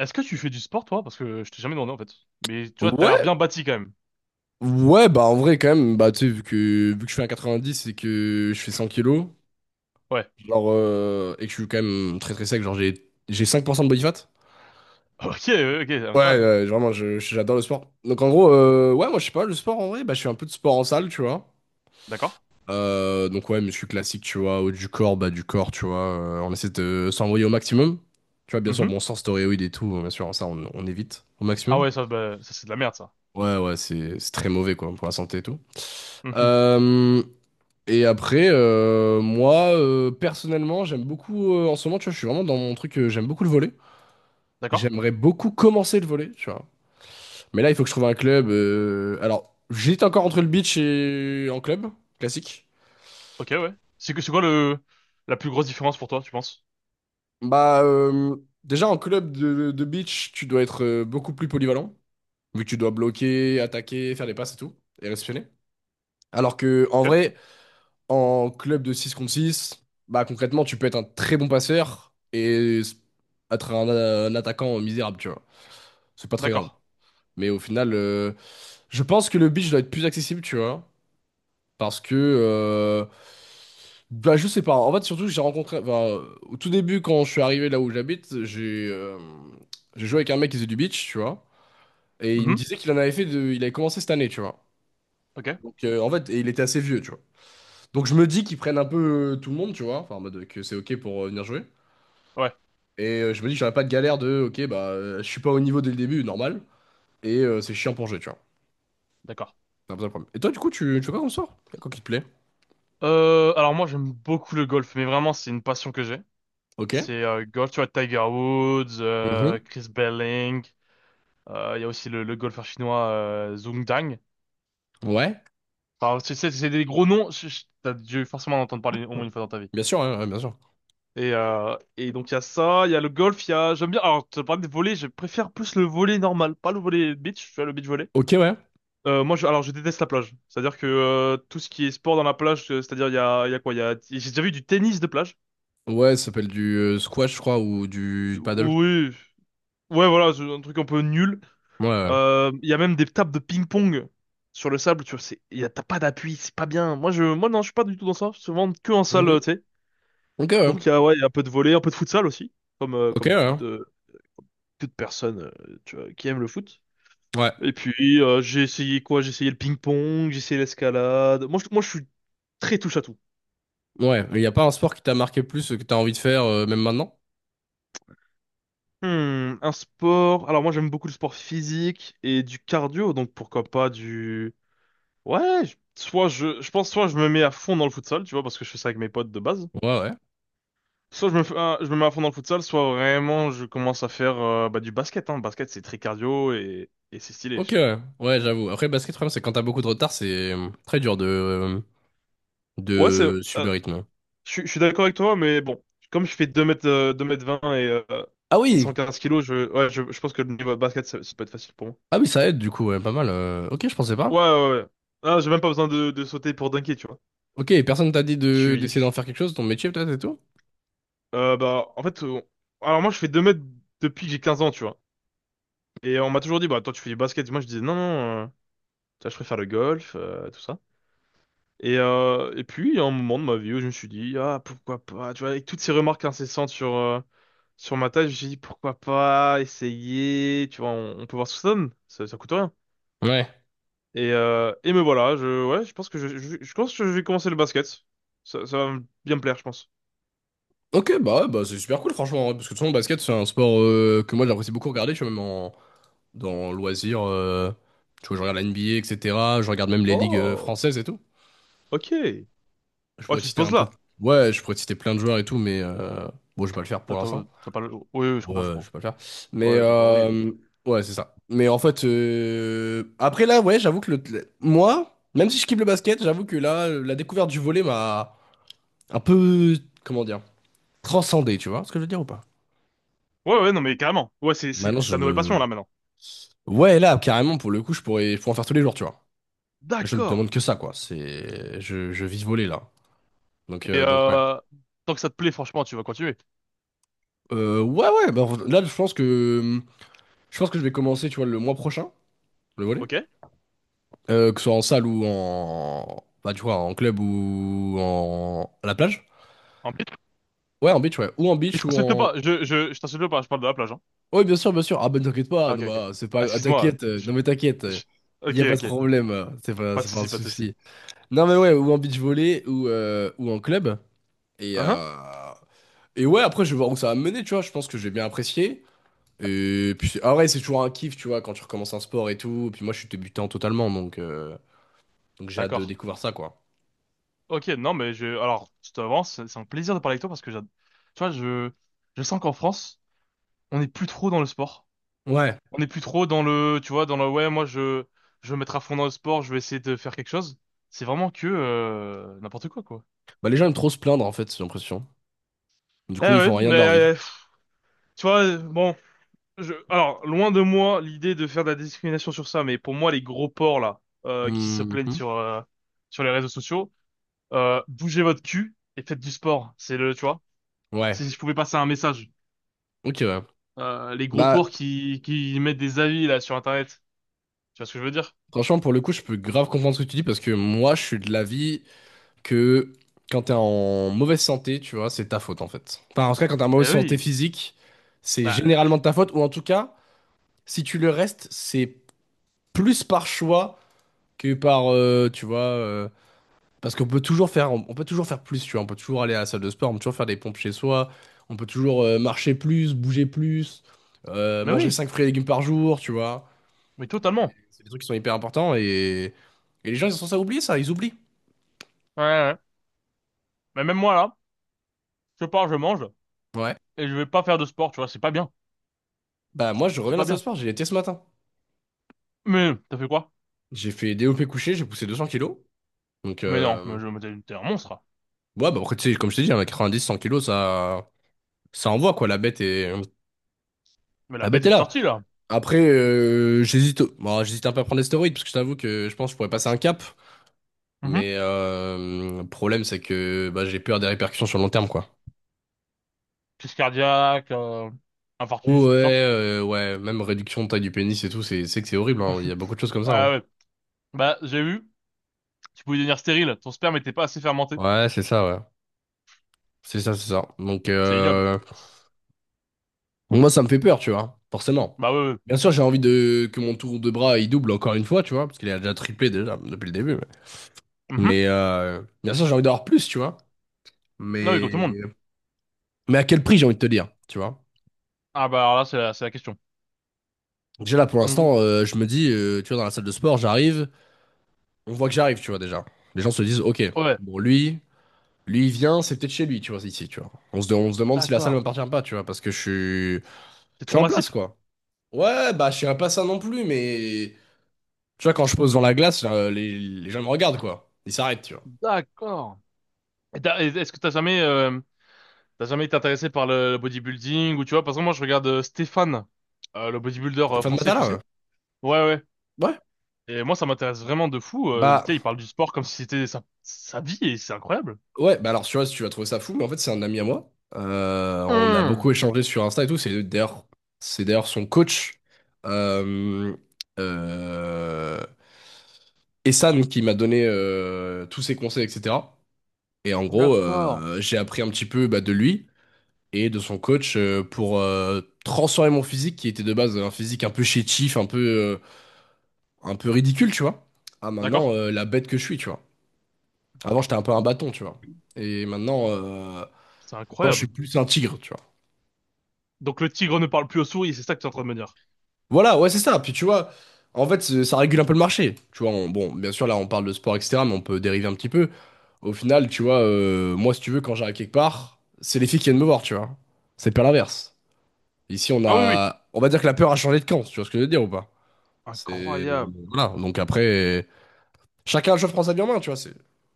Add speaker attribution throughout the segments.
Speaker 1: Est-ce que tu fais du sport, toi? Parce que je t'ai jamais demandé, en fait. Mais tu vois, t'as l'air
Speaker 2: Ouais,
Speaker 1: bien bâti, quand même.
Speaker 2: ouais, bah en vrai quand même, bah tu sais, vu que je fais un 90 et que je fais 100 kilos,
Speaker 1: Ouais.
Speaker 2: et que je suis quand même très très sec, genre j'ai 5% de body fat.
Speaker 1: Ok, ok,
Speaker 2: Ouais,
Speaker 1: incroyable.
Speaker 2: ouais, vraiment, j'adore le sport. Donc en gros, ouais, moi je sais pas, le sport en vrai, bah je fais un peu de sport en salle, tu vois.
Speaker 1: D'accord.
Speaker 2: Donc ouais, muscu classique, tu vois, haut du corps, bas du corps, tu vois, on essaie de s'envoyer au maximum. Tu vois, bien sûr, bon,
Speaker 1: Mhm.
Speaker 2: sans stéroïdes et tout, bien sûr, ça on évite au
Speaker 1: Ah
Speaker 2: maximum.
Speaker 1: ouais, ça, bah, ça c'est de la merde, ça.
Speaker 2: Ouais, ouais, c'est très mauvais quoi, pour la santé et tout.
Speaker 1: Mhm.
Speaker 2: Euh, Et après, moi, personnellement, j'aime beaucoup, en ce moment, tu vois, je suis vraiment dans mon truc, j'aime beaucoup le volley.
Speaker 1: D'accord.
Speaker 2: J'aimerais beaucoup commencer le volley, tu vois. Mais là, il faut que je trouve un club. Alors, j'hésite encore entre le beach et en club, classique.
Speaker 1: Ok, ouais. C'est que c'est quoi le la plus grosse différence pour toi, tu penses?
Speaker 2: Bah, déjà, en club de beach, tu dois être beaucoup plus polyvalent, vu que tu dois bloquer, attaquer, faire des passes et tout, et réceptionner. Alors que, en
Speaker 1: Ok.
Speaker 2: vrai, en club de 6 contre 6, bah concrètement, tu peux être un très bon passeur et être un attaquant misérable, tu vois. C'est pas très grave.
Speaker 1: D'accord.
Speaker 2: Mais au final, je pense que le beach doit être plus accessible, tu vois. Parce que, bah je sais pas. En fait, surtout, j'ai rencontré, enfin, au tout début, quand je suis arrivé là où j'habite, j'ai joué avec un mec qui faisait du beach, tu vois. Et il me
Speaker 1: Mhm.
Speaker 2: disait qu'il en avait fait de, il avait commencé cette année, tu vois.
Speaker 1: Ok.
Speaker 2: Donc, en fait, et il était assez vieux, tu vois. Donc je me dis qu'ils prennent un peu tout le monde, tu vois, enfin en mode que c'est ok pour venir jouer.
Speaker 1: Ouais.
Speaker 2: Je me dis que j'aurais pas de galère de ok bah je suis pas au niveau dès le début, normal. C'est chiant pour jouer, tu vois.
Speaker 1: D'accord.
Speaker 2: C'est un peu ça le problème. Et toi du coup tu fais quoi comme sort? Quoi qui te plaît?
Speaker 1: Alors moi, j'aime beaucoup le golf, mais vraiment, c'est une passion que j'ai.
Speaker 2: Ok.
Speaker 1: C'est golf, tu vois, Tiger Woods,
Speaker 2: Mhm.
Speaker 1: Chris Belling. Il y a aussi le golfeur chinois Zhong Dang.
Speaker 2: Ouais.
Speaker 1: Enfin, c'est des gros noms, t'as dû forcément en entendre parler au moins une fois dans ta vie.
Speaker 2: Bien sûr, hein, ouais, bien sûr.
Speaker 1: Et donc il y a ça, il y a le golf, J'aime bien, alors tu parles de volley, je préfère plus le volley normal, pas le volley beach, tu vois, le beach volley.
Speaker 2: Ok, ouais.
Speaker 1: Moi, alors je déteste la plage, c'est-à-dire que tout ce qui est sport dans la plage, c'est-à-dire il y a quoi, J'ai déjà vu du tennis de plage.
Speaker 2: Ouais, ça s'appelle du squash, je crois, ou du paddle.
Speaker 1: Oui, ouais voilà, c'est un truc un peu nul.
Speaker 2: Ouais, ouais.
Speaker 1: Il y a même des tables de ping-pong sur le sable, tu vois, c'est, il y a- t'as pas d'appui, c'est pas bien. Moi non, je suis pas du tout dans ça, souvent que en salle,
Speaker 2: Mhm.
Speaker 1: tu sais.
Speaker 2: Ok, ouais.
Speaker 1: Donc il y a, ouais, il y a un peu de volley, un peu de futsal aussi, comme, euh,
Speaker 2: Ok, ouais,
Speaker 1: comme
Speaker 2: hein.
Speaker 1: toute personne tu vois, qui aime le foot.
Speaker 2: Ouais.
Speaker 1: Et puis j'ai essayé quoi? J'ai essayé le ping-pong, j'ai essayé l'escalade. Moi je suis très touche à tout.
Speaker 2: Ouais. Il y a pas un sport qui t'a marqué plus, que t'as envie de faire même maintenant?
Speaker 1: Hmm, un sport. Alors moi j'aime beaucoup le sport physique et du cardio, donc pourquoi pas du. Ouais, soit je pense. Soit je me mets à fond dans le futsal, tu vois, parce que je fais ça avec mes potes de base.
Speaker 2: Ouais, ouais.
Speaker 1: Soit je me, fais- ah, je me mets à fond dans le futsal, soit vraiment je commence à faire du basket. Hein. Le basket c'est très cardio et c'est stylé,
Speaker 2: Ok,
Speaker 1: je trouve.
Speaker 2: ouais, ouais, j'avoue. Après, basket, le problème, c'est que quand t'as beaucoup de retard, c'est très dur de, euh,
Speaker 1: Ouais. c'est.
Speaker 2: de suivre le
Speaker 1: euh,
Speaker 2: rythme.
Speaker 1: Je, suis je suis d'accord avec toi, mais bon, comme je fais 2 mètres, 2 mètres 20 et, euh,
Speaker 2: Ah
Speaker 1: et
Speaker 2: oui,
Speaker 1: 115 kilos, je pense que le niveau basket, ça peut être facile pour moi.
Speaker 2: ah oui, ça aide du coup, ouais, pas mal. Ok, je pensais pas.
Speaker 1: Ouais, ouais, ouais. Ah, j'ai même pas besoin de, sauter pour dunker, tu vois.
Speaker 2: Ok, et personne t'a dit
Speaker 1: Je
Speaker 2: de
Speaker 1: suis. je
Speaker 2: d'essayer
Speaker 1: suis-
Speaker 2: d'en faire quelque chose, ton métier peut-être et tout?
Speaker 1: en fait, alors moi, je fais 2 mètres depuis que j'ai 15 ans, tu vois. Et on m'a toujours dit, bah, toi, tu fais du basket. Moi, je disais, non, non, tu vois, je préfère le golf, tout ça. Et puis, il y a un moment de ma vie où je me suis dit, ah, pourquoi pas, tu vois, avec toutes ces remarques incessantes sur ma table, j'ai dit pourquoi pas essayer, tu vois, on peut voir ce que ça donne, ça coûte rien.
Speaker 2: Ouais.
Speaker 1: Et me voilà, je pense que je pense que je vais commencer le basket. Ça va bien me plaire, je pense.
Speaker 2: Ok, bah, ouais, bah c'est super cool, franchement, ouais, parce que de toute façon, le basket, c'est un sport que moi j'apprécie beaucoup regarder, tu vois, même en, dans loisirs. Tu vois, je regarde la NBA, etc. Je regarde même les ligues
Speaker 1: Oh,
Speaker 2: françaises et tout.
Speaker 1: ok.
Speaker 2: Je
Speaker 1: Oh,
Speaker 2: pourrais te
Speaker 1: tu te
Speaker 2: citer
Speaker 1: poses
Speaker 2: un peu.
Speaker 1: là.
Speaker 2: Ouais, je pourrais te citer plein de joueurs et tout, mais bon, je vais pas le faire pour
Speaker 1: Attends,
Speaker 2: l'instant.
Speaker 1: t'as pas le... Oui, oui, je
Speaker 2: Ouais,
Speaker 1: comprends, je
Speaker 2: je vais
Speaker 1: comprends.
Speaker 2: pas le faire. Mais
Speaker 1: Ouais, bah oui.
Speaker 2: ouais, c'est ça. Mais en fait, après là, ouais, j'avoue que moi, même si je kiffe le basket, j'avoue que là, la découverte du volley m'a un peu, comment dire, transcendé, tu vois ce que je veux dire ou pas?
Speaker 1: Ouais, ouais, non, mais carrément. Ouais, c'est
Speaker 2: Maintenant,
Speaker 1: ta nouvelle passion
Speaker 2: je...
Speaker 1: là maintenant.
Speaker 2: Ouais, là, carrément, pour le coup, je pourrais en faire tous les jours, tu vois. Je ne
Speaker 1: D'accord.
Speaker 2: demande que ça, quoi. C'est... je vis volley, là. Donc,
Speaker 1: Et
Speaker 2: euh, donc ouais.
Speaker 1: tant que ça te plaît, franchement, tu vas continuer.
Speaker 2: Ouais, ouais, bah, là, je pense que... Je pense que je vais commencer, tu vois, le mois prochain, le volley.
Speaker 1: Ok?
Speaker 2: Que ce soit en salle ou en... Bah, tu vois, en club ou en... à la plage?
Speaker 1: En plus,
Speaker 2: Ouais, en beach, ouais. Ou en
Speaker 1: je
Speaker 2: beach ou
Speaker 1: t'insulte
Speaker 2: en...
Speaker 1: pas. Je t'insulte pas. Je parle de la plage, hein.
Speaker 2: Oui, bien sûr, bien sûr. Ah ben t'inquiète pas,
Speaker 1: Ah,
Speaker 2: non
Speaker 1: ok, ok.
Speaker 2: bah, c'est pas...
Speaker 1: Ah,
Speaker 2: ah,
Speaker 1: excuse-moi.
Speaker 2: t'inquiète, non mais t'inquiète,
Speaker 1: Je-
Speaker 2: il y
Speaker 1: Ok,
Speaker 2: a pas de
Speaker 1: ok.
Speaker 2: problème,
Speaker 1: Pas de
Speaker 2: c'est pas un
Speaker 1: souci, pas de souci.
Speaker 2: souci. Non mais ouais, ou en beach volley ou en club. Et,
Speaker 1: Hein? Hein?
Speaker 2: euh, et ouais, après je vais voir où ça va me mener, tu vois, je pense que je vais bien apprécier. Et puis, ah ouais, c'est toujours un kiff, tu vois, quand tu recommences un sport et tout. Et puis moi je suis débutant totalement, donc j'ai hâte de
Speaker 1: D'accord.
Speaker 2: découvrir ça, quoi.
Speaker 1: Ok, non, mais alors, je t'avance. C'est un plaisir de parler avec toi parce que tu vois, je sens qu'en France, on n'est plus trop dans le sport.
Speaker 2: Ouais.
Speaker 1: On n'est plus trop dans le, tu vois, dans le, ouais, moi, je vais me mettre à fond dans le sport. Je vais essayer de faire quelque chose. C'est vraiment que, n'importe quoi, quoi.
Speaker 2: Bah, les gens aiment trop se plaindre, en fait, j'ai l'impression. Du
Speaker 1: Eh
Speaker 2: coup, ils
Speaker 1: ouais,
Speaker 2: font rien
Speaker 1: mais,
Speaker 2: de leur vie.
Speaker 1: pff, tu vois, bon, alors, loin de moi l'idée de faire de la discrimination sur ça, mais pour moi, les gros porcs là, qui se plaignent
Speaker 2: Mhm.
Speaker 1: sur les réseaux sociaux, bougez votre cul et faites du sport. C'est le, tu vois,
Speaker 2: Ouais,
Speaker 1: si je pouvais passer un message.
Speaker 2: ok, ouais.
Speaker 1: Les gros porcs
Speaker 2: Bah,
Speaker 1: qui mettent des avis là sur Internet. Tu vois ce que je veux dire?
Speaker 2: franchement, pour le coup, je peux grave comprendre ce que tu dis parce que moi, je suis de l'avis que quand t'es en mauvaise santé, tu vois, c'est ta faute, en fait. Enfin, en tout cas, quand t'es en
Speaker 1: Eh
Speaker 2: mauvaise santé
Speaker 1: oui,
Speaker 2: physique, c'est
Speaker 1: bah,
Speaker 2: généralement de ta faute, ou en tout cas, si tu le restes, c'est plus par choix que par, tu vois, parce qu'on peut toujours faire, on peut toujours faire plus, tu vois. On peut toujours aller à la salle de sport, on peut toujours faire des pompes chez soi, on peut toujours marcher plus, bouger plus,
Speaker 1: mais
Speaker 2: manger
Speaker 1: oui,
Speaker 2: 5 fruits et légumes par jour, tu vois.
Speaker 1: mais totalement.
Speaker 2: C'est des trucs qui sont hyper importants et les gens, ils sont censés oublier ça, ils oublient.
Speaker 1: Ouais, ouais. Mais même moi là, je pars, je mange
Speaker 2: Ouais.
Speaker 1: et je vais pas faire de sport. Tu vois, c'est pas bien,
Speaker 2: Bah, moi, je
Speaker 1: c'est
Speaker 2: reviens de la
Speaker 1: pas
Speaker 2: salle de
Speaker 1: bien.
Speaker 2: sport, j'ai été ce matin.
Speaker 1: Mais t'as fait quoi?
Speaker 2: J'ai fait DOP couché, j'ai poussé 200 kilos. Donc,
Speaker 1: Mais non, mais je mais t'es un monstre.
Speaker 2: ouais, bah, après, tu sais, comme je t'ai dit, hein, 90-100 kilos, ça envoie, quoi.
Speaker 1: Mais la
Speaker 2: La
Speaker 1: bête
Speaker 2: bête est
Speaker 1: est
Speaker 2: là.
Speaker 1: sortie là.
Speaker 2: Après, j'hésite, bon, j'hésite un peu à prendre des stéroïdes parce que je t'avoue que je pense que je pourrais passer un cap. Mais le problème, c'est que bah, j'ai peur des répercussions sur le long terme, quoi.
Speaker 1: Crise cardiaque,
Speaker 2: Ouais,
Speaker 1: infarctus, tout ça.
Speaker 2: ouais, même réduction de taille du pénis et tout, c'est horrible, hein. Il y a beaucoup de choses comme ça,
Speaker 1: Ah
Speaker 2: hein.
Speaker 1: ouais. Bah, j'ai vu, tu pouvais devenir stérile, ton sperme n'était pas assez fermenté.
Speaker 2: Ouais. C'est ça, c'est ça. Donc,
Speaker 1: C'est ignoble.
Speaker 2: moi, ça me fait peur, tu vois, forcément.
Speaker 1: Bah ouais, ouais.
Speaker 2: Bien sûr, j'ai envie de que mon tour de bras il double encore une fois, tu vois, parce qu'il a déjà triplé déjà depuis le début. Mais,
Speaker 1: Mhm.
Speaker 2: bien sûr, j'ai envie d'avoir plus, tu vois.
Speaker 1: Non, oui, comme
Speaker 2: Mais,
Speaker 1: tout le monde.
Speaker 2: mais à quel prix, j'ai envie de te dire, tu vois.
Speaker 1: Ah bah alors là, c'est la question.
Speaker 2: Déjà là, pour
Speaker 1: Mhm.
Speaker 2: l'instant, je me dis, tu vois, dans la salle de sport, j'arrive. On voit que j'arrive, tu vois, déjà. Les gens se disent, ok,
Speaker 1: Ouais,
Speaker 2: bon, lui, il vient, c'est peut-être chez lui, tu vois, ici, tu vois. On se, on se demande si la salle
Speaker 1: d'accord.
Speaker 2: m'appartient pas, tu vois, parce que je suis,
Speaker 1: C'est
Speaker 2: je suis
Speaker 1: trop
Speaker 2: en place,
Speaker 1: massif.
Speaker 2: quoi. Ouais, bah, je suis pas ça non plus, mais tu vois, quand je pose dans la glace, là, les gens me regardent, quoi. Ils s'arrêtent, tu vois.
Speaker 1: D'accord. Et est-ce que t'as jamais été intéressé par le bodybuilding ou tu vois, parce que moi, je regarde Stéphane, le bodybuilder
Speaker 2: Stéphane
Speaker 1: français,
Speaker 2: Matala,
Speaker 1: tu sais.
Speaker 2: hein.
Speaker 1: Ouais, ouais.
Speaker 2: Ouais.
Speaker 1: Et moi, ça m'intéresse vraiment de fou. Tu
Speaker 2: Bah,
Speaker 1: sais, il parle du sport comme si c'était sa vie et c'est incroyable.
Speaker 2: ouais, bah alors, tu vois, si tu vas trouver ça fou, mais en fait, c'est un ami à moi. On a
Speaker 1: Hum,
Speaker 2: beaucoup échangé sur Insta et tout. C'est d'ailleurs son coach. Euh, euh, Essan qui m'a donné tous ses conseils, etc. Et en gros,
Speaker 1: d'accord.
Speaker 2: j'ai appris un petit peu bah, de lui et de son coach pour transformer mon physique qui était de base un physique un peu chétif, un peu ridicule, tu vois. À maintenant,
Speaker 1: D'accord.
Speaker 2: la bête que je suis, tu vois. Avant, j'étais un peu un bâton, tu vois. Et maintenant,
Speaker 1: C'est
Speaker 2: maintenant, je suis
Speaker 1: incroyable.
Speaker 2: plus un tigre, tu vois.
Speaker 1: Donc le tigre ne parle plus aux souris, c'est ça que tu es en train de me dire.
Speaker 2: Voilà, ouais, c'est ça. Puis tu vois, en fait, ça régule un peu le marché. Tu vois, bon, bien sûr, là, on parle de sport, etc., mais on peut dériver un petit peu. Au final, tu vois, moi, si tu veux, quand j'arrive quelque part, c'est les filles qui viennent me voir, tu vois. C'est pas l'inverse. Ici, on
Speaker 1: Ah oui, oui.
Speaker 2: a. On va dire que la peur a changé de camp, si tu vois ce que je veux dire ou pas? C'est.
Speaker 1: Incroyable.
Speaker 2: Voilà. Donc après, chacun, je prends sa vie en main, tu vois. C'est...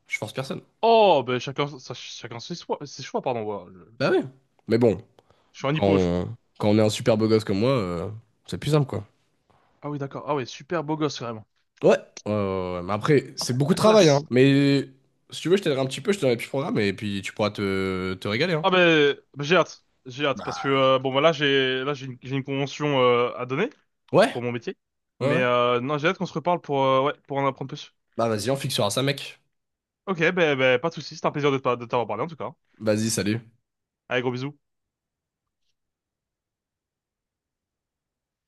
Speaker 2: Je force personne.
Speaker 1: Oh, ben chacun ses choix, pardon. Voilà. Je,
Speaker 2: Bah oui. Mais bon,
Speaker 1: je suis un
Speaker 2: quand
Speaker 1: hippo, je crois.
Speaker 2: on, quand on est un super beau gosse comme moi, c'est plus simple, quoi.
Speaker 1: Ah oui, d'accord. Ah oui, super beau gosse, vraiment.
Speaker 2: Ouais. Ouais, ouais, ouais. Mais après, c'est beaucoup de
Speaker 1: La
Speaker 2: travail, hein.
Speaker 1: classe.
Speaker 2: Mais si tu veux, je t'aiderai un petit peu, je te donnerai plus programme et puis tu pourras te régaler, hein.
Speaker 1: Ah ben, ben, j'ai hâte. J'ai hâte parce que
Speaker 2: Bah.
Speaker 1: bon bah j'ai une convention à donner
Speaker 2: Ouais,
Speaker 1: pour mon métier.
Speaker 2: ouais,
Speaker 1: Mais
Speaker 2: ouais.
Speaker 1: non, j'ai hâte qu'on se reparle pour pour en apprendre plus.
Speaker 2: Bah vas-y, on fixera ça, mec.
Speaker 1: Ok, ben pas de soucis, c'était un plaisir de t'avoir parlé en tout cas.
Speaker 2: Vas-y, salut.
Speaker 1: Allez, gros bisous.